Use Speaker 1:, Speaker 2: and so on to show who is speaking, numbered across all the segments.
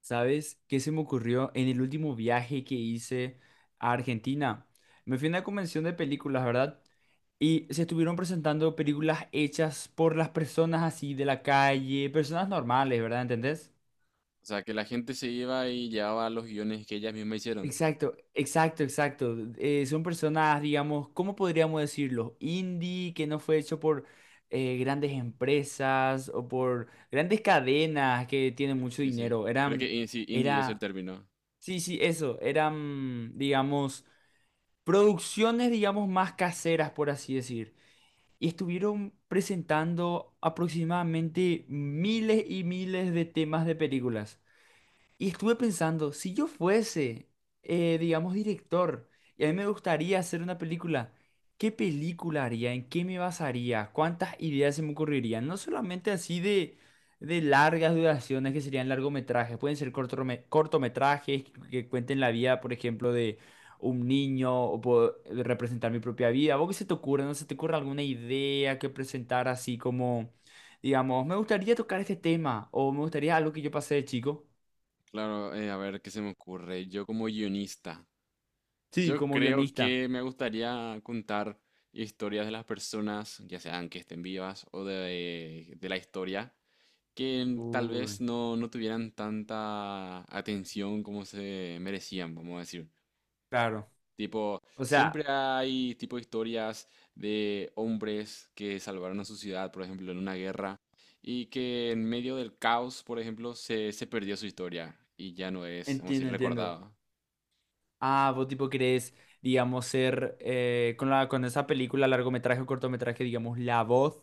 Speaker 1: ¿Sabes qué se me ocurrió en el último viaje que hice a Argentina? Me fui a una convención de películas, ¿verdad? Y se estuvieron presentando películas hechas por las personas así de la calle, personas normales, ¿verdad? ¿Entendés?
Speaker 2: O sea, que la gente se iba y llevaba los guiones que ellas mismas hicieron.
Speaker 1: Exacto, exacto, exacto. Son personas, digamos, ¿cómo podríamos decirlo? Indie, que no fue hecho por grandes empresas o por grandes cadenas que tienen
Speaker 2: Sí,
Speaker 1: mucho
Speaker 2: sí, sí.
Speaker 1: dinero.
Speaker 2: Creo que
Speaker 1: Eran,
Speaker 2: sí, indie es el
Speaker 1: era
Speaker 2: término.
Speaker 1: Sí, sí, eso. Eran, digamos, producciones, digamos, más caseras, por así decir. Y estuvieron presentando aproximadamente miles y miles de temas de películas. Y estuve pensando, si yo fuese, digamos, director, y a mí me gustaría hacer una película, ¿qué película haría? ¿En qué me basaría? ¿Cuántas ideas se me ocurrirían? No solamente así de largas duraciones que serían largometrajes, pueden ser cortometrajes que cuenten la vida, por ejemplo, de un niño o puedo representar mi propia vida. ¿Vos qué se te ocurre? ¿No se te ocurre alguna idea que presentar así como, digamos, me gustaría tocar este tema o me gustaría algo que yo pasé de chico?
Speaker 2: Claro, a ver qué se me ocurre. Yo como guionista,
Speaker 1: Sí,
Speaker 2: yo
Speaker 1: como
Speaker 2: creo
Speaker 1: guionista.
Speaker 2: que me gustaría contar historias de las personas, ya sean que estén vivas o de la historia, que tal
Speaker 1: Uy,
Speaker 2: vez no tuvieran tanta atención como se merecían, vamos a decir.
Speaker 1: claro.
Speaker 2: Tipo,
Speaker 1: O
Speaker 2: siempre
Speaker 1: sea,
Speaker 2: hay tipo historias de hombres que salvaron a su ciudad, por ejemplo, en una guerra, y que en medio del caos, por ejemplo, se perdió su historia y ya no es, vamos a
Speaker 1: entiendo,
Speaker 2: decir,
Speaker 1: entiendo.
Speaker 2: recordado.
Speaker 1: Ah, vos tipo querés, digamos, ser con esa película, largometraje o cortometraje, digamos, la voz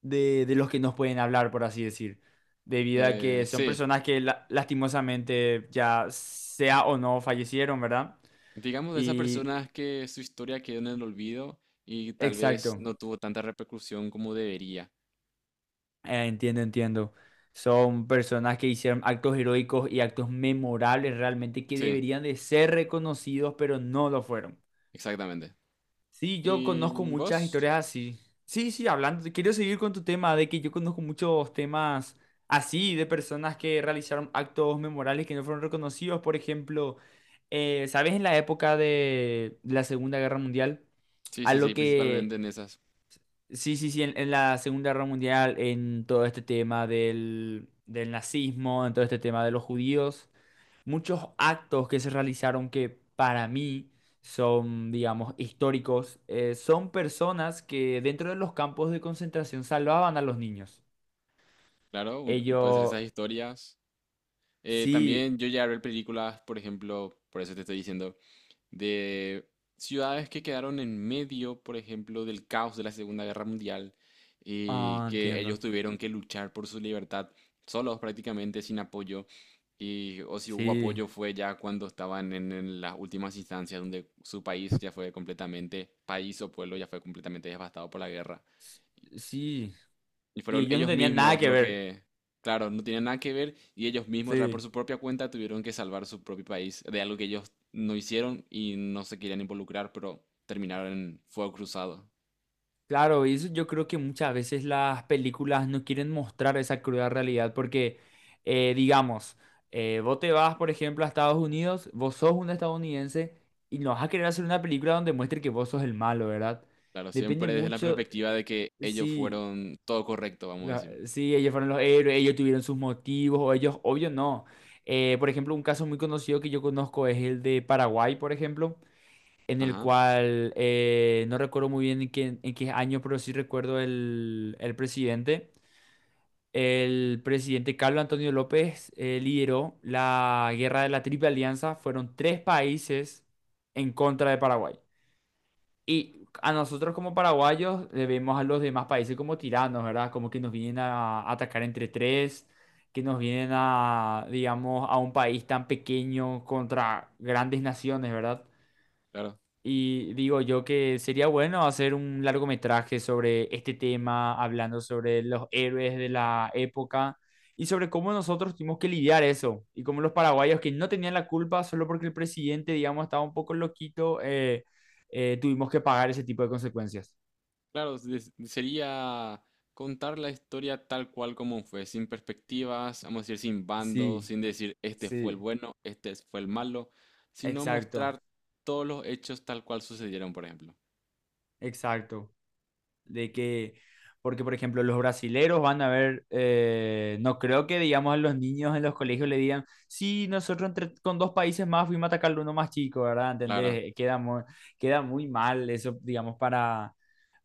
Speaker 1: de los que nos pueden hablar, por así decir. Debido a
Speaker 2: Eh,
Speaker 1: que son
Speaker 2: sí,
Speaker 1: personas que lastimosamente ya sea o no fallecieron, ¿verdad?
Speaker 2: digamos de esas
Speaker 1: Y
Speaker 2: personas que su historia quedó en el olvido y tal vez
Speaker 1: exacto.
Speaker 2: no tuvo tanta repercusión como debería.
Speaker 1: Entiendo, entiendo. Son personas que hicieron actos heroicos y actos memorables realmente que
Speaker 2: Sí,
Speaker 1: deberían de ser reconocidos, pero no lo fueron.
Speaker 2: exactamente.
Speaker 1: Sí, yo conozco
Speaker 2: ¿Y
Speaker 1: muchas
Speaker 2: vos?
Speaker 1: historias así. Sí, sí, hablando, quiero seguir con tu tema de que yo conozco muchos temas así de personas que realizaron actos memorables que no fueron reconocidos. Por ejemplo, ¿sabes? En la época de la Segunda Guerra Mundial,
Speaker 2: Sí, sí,
Speaker 1: algo
Speaker 2: sí, principalmente
Speaker 1: que
Speaker 2: en esas.
Speaker 1: sí, sí, sí, en la Segunda Guerra Mundial, en todo este tema del nazismo, en todo este tema de los judíos, muchos actos que se realizaron que para mí son, digamos, históricos, son personas que dentro de los campos de concentración salvaban a los niños.
Speaker 2: Claro, puede ser
Speaker 1: Ellos,
Speaker 2: esas historias.
Speaker 1: sí,
Speaker 2: También yo llegué a ver películas, por ejemplo, por eso te estoy diciendo, de ciudades que quedaron en medio, por ejemplo, del caos de la Segunda Guerra Mundial y
Speaker 1: ah,
Speaker 2: que ellos
Speaker 1: entiendo,
Speaker 2: tuvieron que luchar por su libertad solos prácticamente, sin apoyo. Y, o si hubo
Speaker 1: sí,
Speaker 2: apoyo fue ya cuando estaban en las últimas instancias donde su país ya fue completamente, país o pueblo ya fue completamente devastado por la guerra.
Speaker 1: s- sí,
Speaker 2: Y
Speaker 1: y
Speaker 2: fueron
Speaker 1: ellos no
Speaker 2: ellos
Speaker 1: tenían nada
Speaker 2: mismos
Speaker 1: que
Speaker 2: lo
Speaker 1: ver,
Speaker 2: que, claro, no tienen nada que ver y ellos mismos por
Speaker 1: sí.
Speaker 2: su propia cuenta tuvieron que salvar su propio país de algo que ellos no hicieron y no se querían involucrar, pero terminaron en fuego cruzado.
Speaker 1: Claro, y eso yo creo que muchas veces las películas no quieren mostrar esa cruda realidad porque, digamos, vos te vas, por ejemplo, a Estados Unidos, vos sos un estadounidense y no vas a querer hacer una película donde muestre que vos sos el malo, ¿verdad?
Speaker 2: Claro,
Speaker 1: Depende
Speaker 2: siempre desde la
Speaker 1: mucho,
Speaker 2: perspectiva de que
Speaker 1: eh,
Speaker 2: ellos
Speaker 1: si,
Speaker 2: fueron todo correcto, vamos a decir.
Speaker 1: si ellos fueron los héroes, ellos tuvieron sus motivos o ellos, obvio, no. Por ejemplo, un caso muy conocido que yo conozco es el de Paraguay, por ejemplo en el
Speaker 2: Ajá,
Speaker 1: cual no recuerdo muy bien en qué año, pero sí recuerdo el presidente. El presidente Carlos Antonio López lideró la guerra de la Triple Alianza. Fueron tres países en contra de Paraguay. Y a nosotros como paraguayos le vemos a los demás países como tiranos, ¿verdad? Como que nos vienen a atacar entre tres, que nos vienen a, digamos, a un país tan pequeño contra grandes naciones, ¿verdad?
Speaker 2: claro.
Speaker 1: Y digo yo que sería bueno hacer un largometraje sobre este tema, hablando sobre los héroes de la época y sobre cómo nosotros tuvimos que lidiar eso y cómo los paraguayos que no tenían la culpa solo porque el presidente, digamos, estaba un poco loquito, tuvimos que pagar ese tipo de consecuencias.
Speaker 2: Claro, sería contar la historia tal cual como fue, sin perspectivas, vamos a decir, sin bandos,
Speaker 1: Sí,
Speaker 2: sin decir este fue el
Speaker 1: sí.
Speaker 2: bueno, este fue el malo, sino
Speaker 1: Exacto,
Speaker 2: mostrar todos los hechos tal cual sucedieron, por ejemplo.
Speaker 1: exacto. de que, Porque por ejemplo los brasileros van a ver, no creo que digamos a los niños en los colegios le digan, sí, nosotros entre, con dos países más fuimos a atacar uno más chico, ¿verdad?
Speaker 2: Claro.
Speaker 1: ¿Entendés? Queda muy mal eso, digamos, para,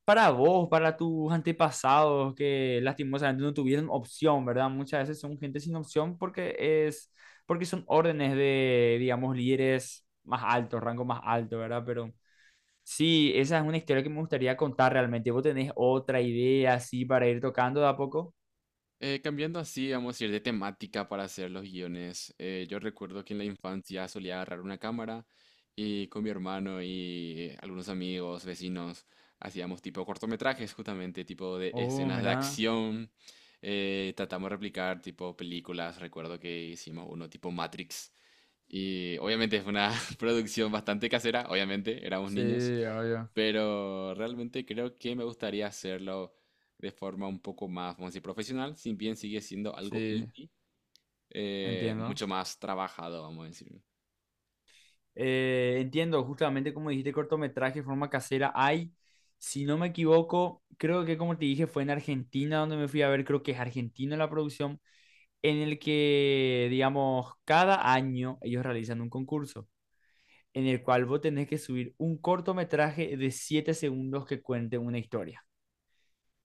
Speaker 1: para vos, para tus antepasados que lastimosamente no tuvieron opción, ¿verdad? Muchas veces son gente sin opción porque son órdenes de, digamos, líderes más altos, rango más alto, ¿verdad? Sí, esa es una historia que me gustaría contar realmente. ¿Vos tenés otra idea así para ir tocando de a poco?
Speaker 2: Cambiando así, vamos a ir de temática para hacer los guiones. Yo recuerdo que en la infancia solía agarrar una cámara y con mi hermano y algunos amigos, vecinos, hacíamos tipo cortometrajes justamente, tipo de
Speaker 1: Oh,
Speaker 2: escenas de
Speaker 1: mira.
Speaker 2: acción. Tratamos de replicar tipo películas. Recuerdo que hicimos uno tipo Matrix. Y obviamente es una producción bastante casera, obviamente éramos
Speaker 1: Sí,
Speaker 2: niños,
Speaker 1: obvio.
Speaker 2: pero realmente creo que me gustaría hacerlo de forma un poco más, vamos a decir, profesional, si bien sigue siendo algo
Speaker 1: Sí,
Speaker 2: indie,
Speaker 1: entiendo.
Speaker 2: mucho más trabajado, vamos a decir.
Speaker 1: Entiendo, justamente como dijiste, cortometraje, de forma casera. Hay, si no me equivoco, creo que como te dije, fue en Argentina donde me fui a ver, creo que es Argentina la producción, en el que, digamos, cada año ellos realizan un concurso en el cual vos tenés que subir un cortometraje de 7 segundos que cuente una historia.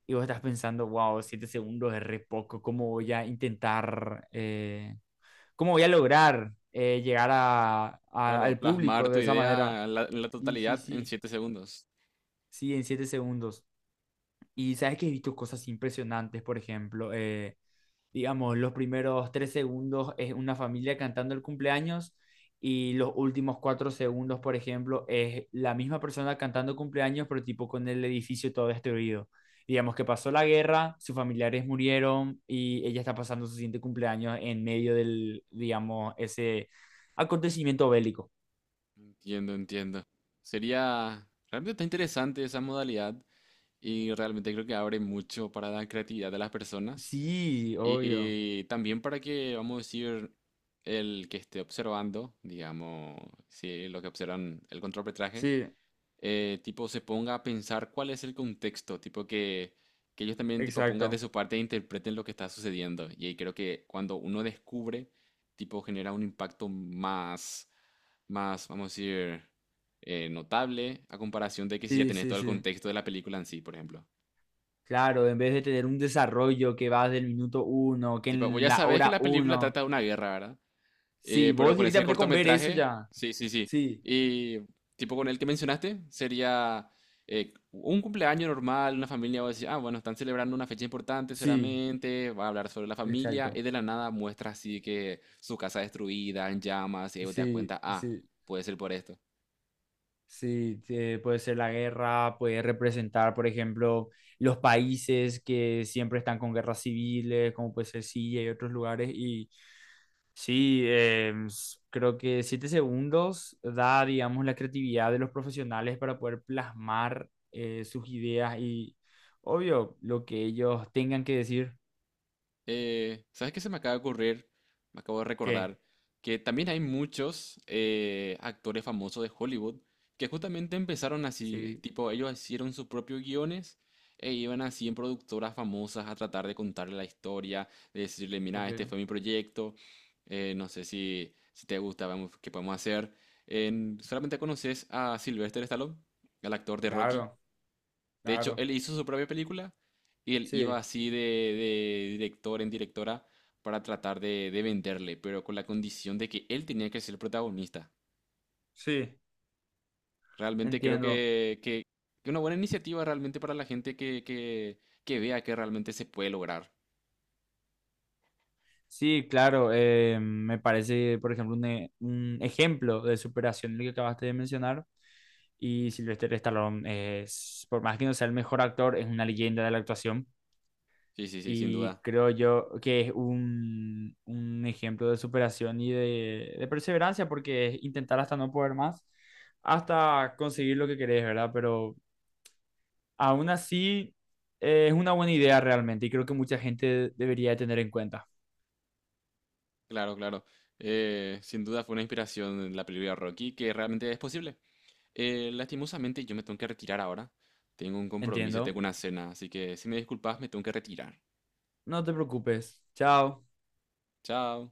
Speaker 1: Y vos estás pensando, wow, 7 segundos es re poco. ¿Cómo voy a intentar, cómo voy a lograr llegar
Speaker 2: Claro,
Speaker 1: al público
Speaker 2: plasmar tu
Speaker 1: de esa manera?
Speaker 2: idea en en la
Speaker 1: Sí, sí,
Speaker 2: totalidad en
Speaker 1: sí,
Speaker 2: 7 segundos.
Speaker 1: sí, en 7 segundos. Y sabes que he visto cosas impresionantes, por ejemplo, digamos, los primeros 3 segundos es una familia cantando el cumpleaños y los últimos 4 segundos, por ejemplo, es la misma persona cantando cumpleaños, pero tipo con el edificio todo destruido. Digamos que pasó la guerra, sus familiares murieron y ella está pasando su siguiente cumpleaños en medio del, digamos, ese acontecimiento bélico.
Speaker 2: Entiendo, entiendo. Sería, realmente está interesante esa modalidad y realmente creo que abre mucho para la creatividad de las personas.
Speaker 1: Sí, obvio.
Speaker 2: Y también para que, vamos a decir, el que esté observando, digamos, si lo que observan el contrapetraje,
Speaker 1: Sí,
Speaker 2: tipo se ponga a pensar cuál es el contexto, que ellos también tipo pongan de
Speaker 1: exacto.
Speaker 2: su parte e interpreten lo que está sucediendo. Y ahí creo que cuando uno descubre, tipo genera un impacto más, vamos a decir, notable a comparación de que si ya
Speaker 1: Sí,
Speaker 2: tenés
Speaker 1: sí,
Speaker 2: todo el
Speaker 1: sí.
Speaker 2: contexto de la película en sí, por ejemplo.
Speaker 1: Claro, en vez de tener un desarrollo que va del minuto uno, que
Speaker 2: Tipo, vos
Speaker 1: en
Speaker 2: ya
Speaker 1: la
Speaker 2: sabés que
Speaker 1: hora
Speaker 2: la película
Speaker 1: uno.
Speaker 2: trata de una guerra, ¿verdad?
Speaker 1: Sí,
Speaker 2: Pero
Speaker 1: vos
Speaker 2: con ese
Speaker 1: directamente con ver eso
Speaker 2: cortometraje,
Speaker 1: ya.
Speaker 2: sí, sí, sí.
Speaker 1: Sí,
Speaker 2: Y tipo con el que mencionaste, sería un cumpleaños normal, una familia va a decir, ah, bueno, están celebrando una fecha importante
Speaker 1: sí,
Speaker 2: seguramente, va a hablar sobre la familia,
Speaker 1: exacto.
Speaker 2: y de la nada muestra así que su casa destruida, en llamas, y ahí vos te das
Speaker 1: Sí,
Speaker 2: cuenta, ah,
Speaker 1: sí,
Speaker 2: puede ser por esto.
Speaker 1: sí. Puede ser la guerra, puede representar, por ejemplo, los países que siempre están con guerras civiles, como puede ser Siria y otros lugares. Sí, creo que 7 segundos da, digamos, la creatividad de los profesionales para poder plasmar sus ideas y, obvio, lo que ellos tengan que decir.
Speaker 2: ¿Sabes qué se me acaba de ocurrir? Me acabo de
Speaker 1: ¿Qué?
Speaker 2: recordar que también hay muchos actores famosos de Hollywood que justamente empezaron así,
Speaker 1: Sí,
Speaker 2: tipo, ellos hicieron sus propios guiones e iban así en productoras famosas a tratar de contarle la historia, de decirle, mira,
Speaker 1: ok.
Speaker 2: este fue mi proyecto, no sé si te gusta, vamos, qué podemos hacer. ¿Solamente conoces a Sylvester Stallone, el actor de Rocky?
Speaker 1: Claro,
Speaker 2: De hecho,
Speaker 1: claro.
Speaker 2: él hizo su propia película y él iba
Speaker 1: Sí,
Speaker 2: así de director en directora para tratar de venderle, pero con la condición de que él tenía que ser el protagonista.
Speaker 1: sí,
Speaker 2: Realmente creo
Speaker 1: entiendo.
Speaker 2: que una buena iniciativa realmente para la gente que vea que realmente se puede lograr.
Speaker 1: Sí, claro. Me parece, por ejemplo, un ejemplo de superación lo que acabaste de mencionar. Y Sylvester Stallone es, por más que no sea el mejor actor, es una leyenda de la actuación.
Speaker 2: Sí, sí, sí, sin
Speaker 1: Y
Speaker 2: duda.
Speaker 1: creo yo que es un ejemplo de superación y de perseverancia, porque es intentar hasta no poder más, hasta conseguir lo que querés, ¿verdad? Pero aún así es una buena idea realmente y creo que mucha gente debería de tener en cuenta.
Speaker 2: Claro, claro. Sin duda fue una inspiración en la película Rocky que realmente es posible. Lastimosamente yo me tengo que retirar ahora. Tengo un compromiso, tengo
Speaker 1: Entiendo.
Speaker 2: una cena, así que si me disculpas me tengo que retirar.
Speaker 1: No te preocupes. Chao.
Speaker 2: Chao.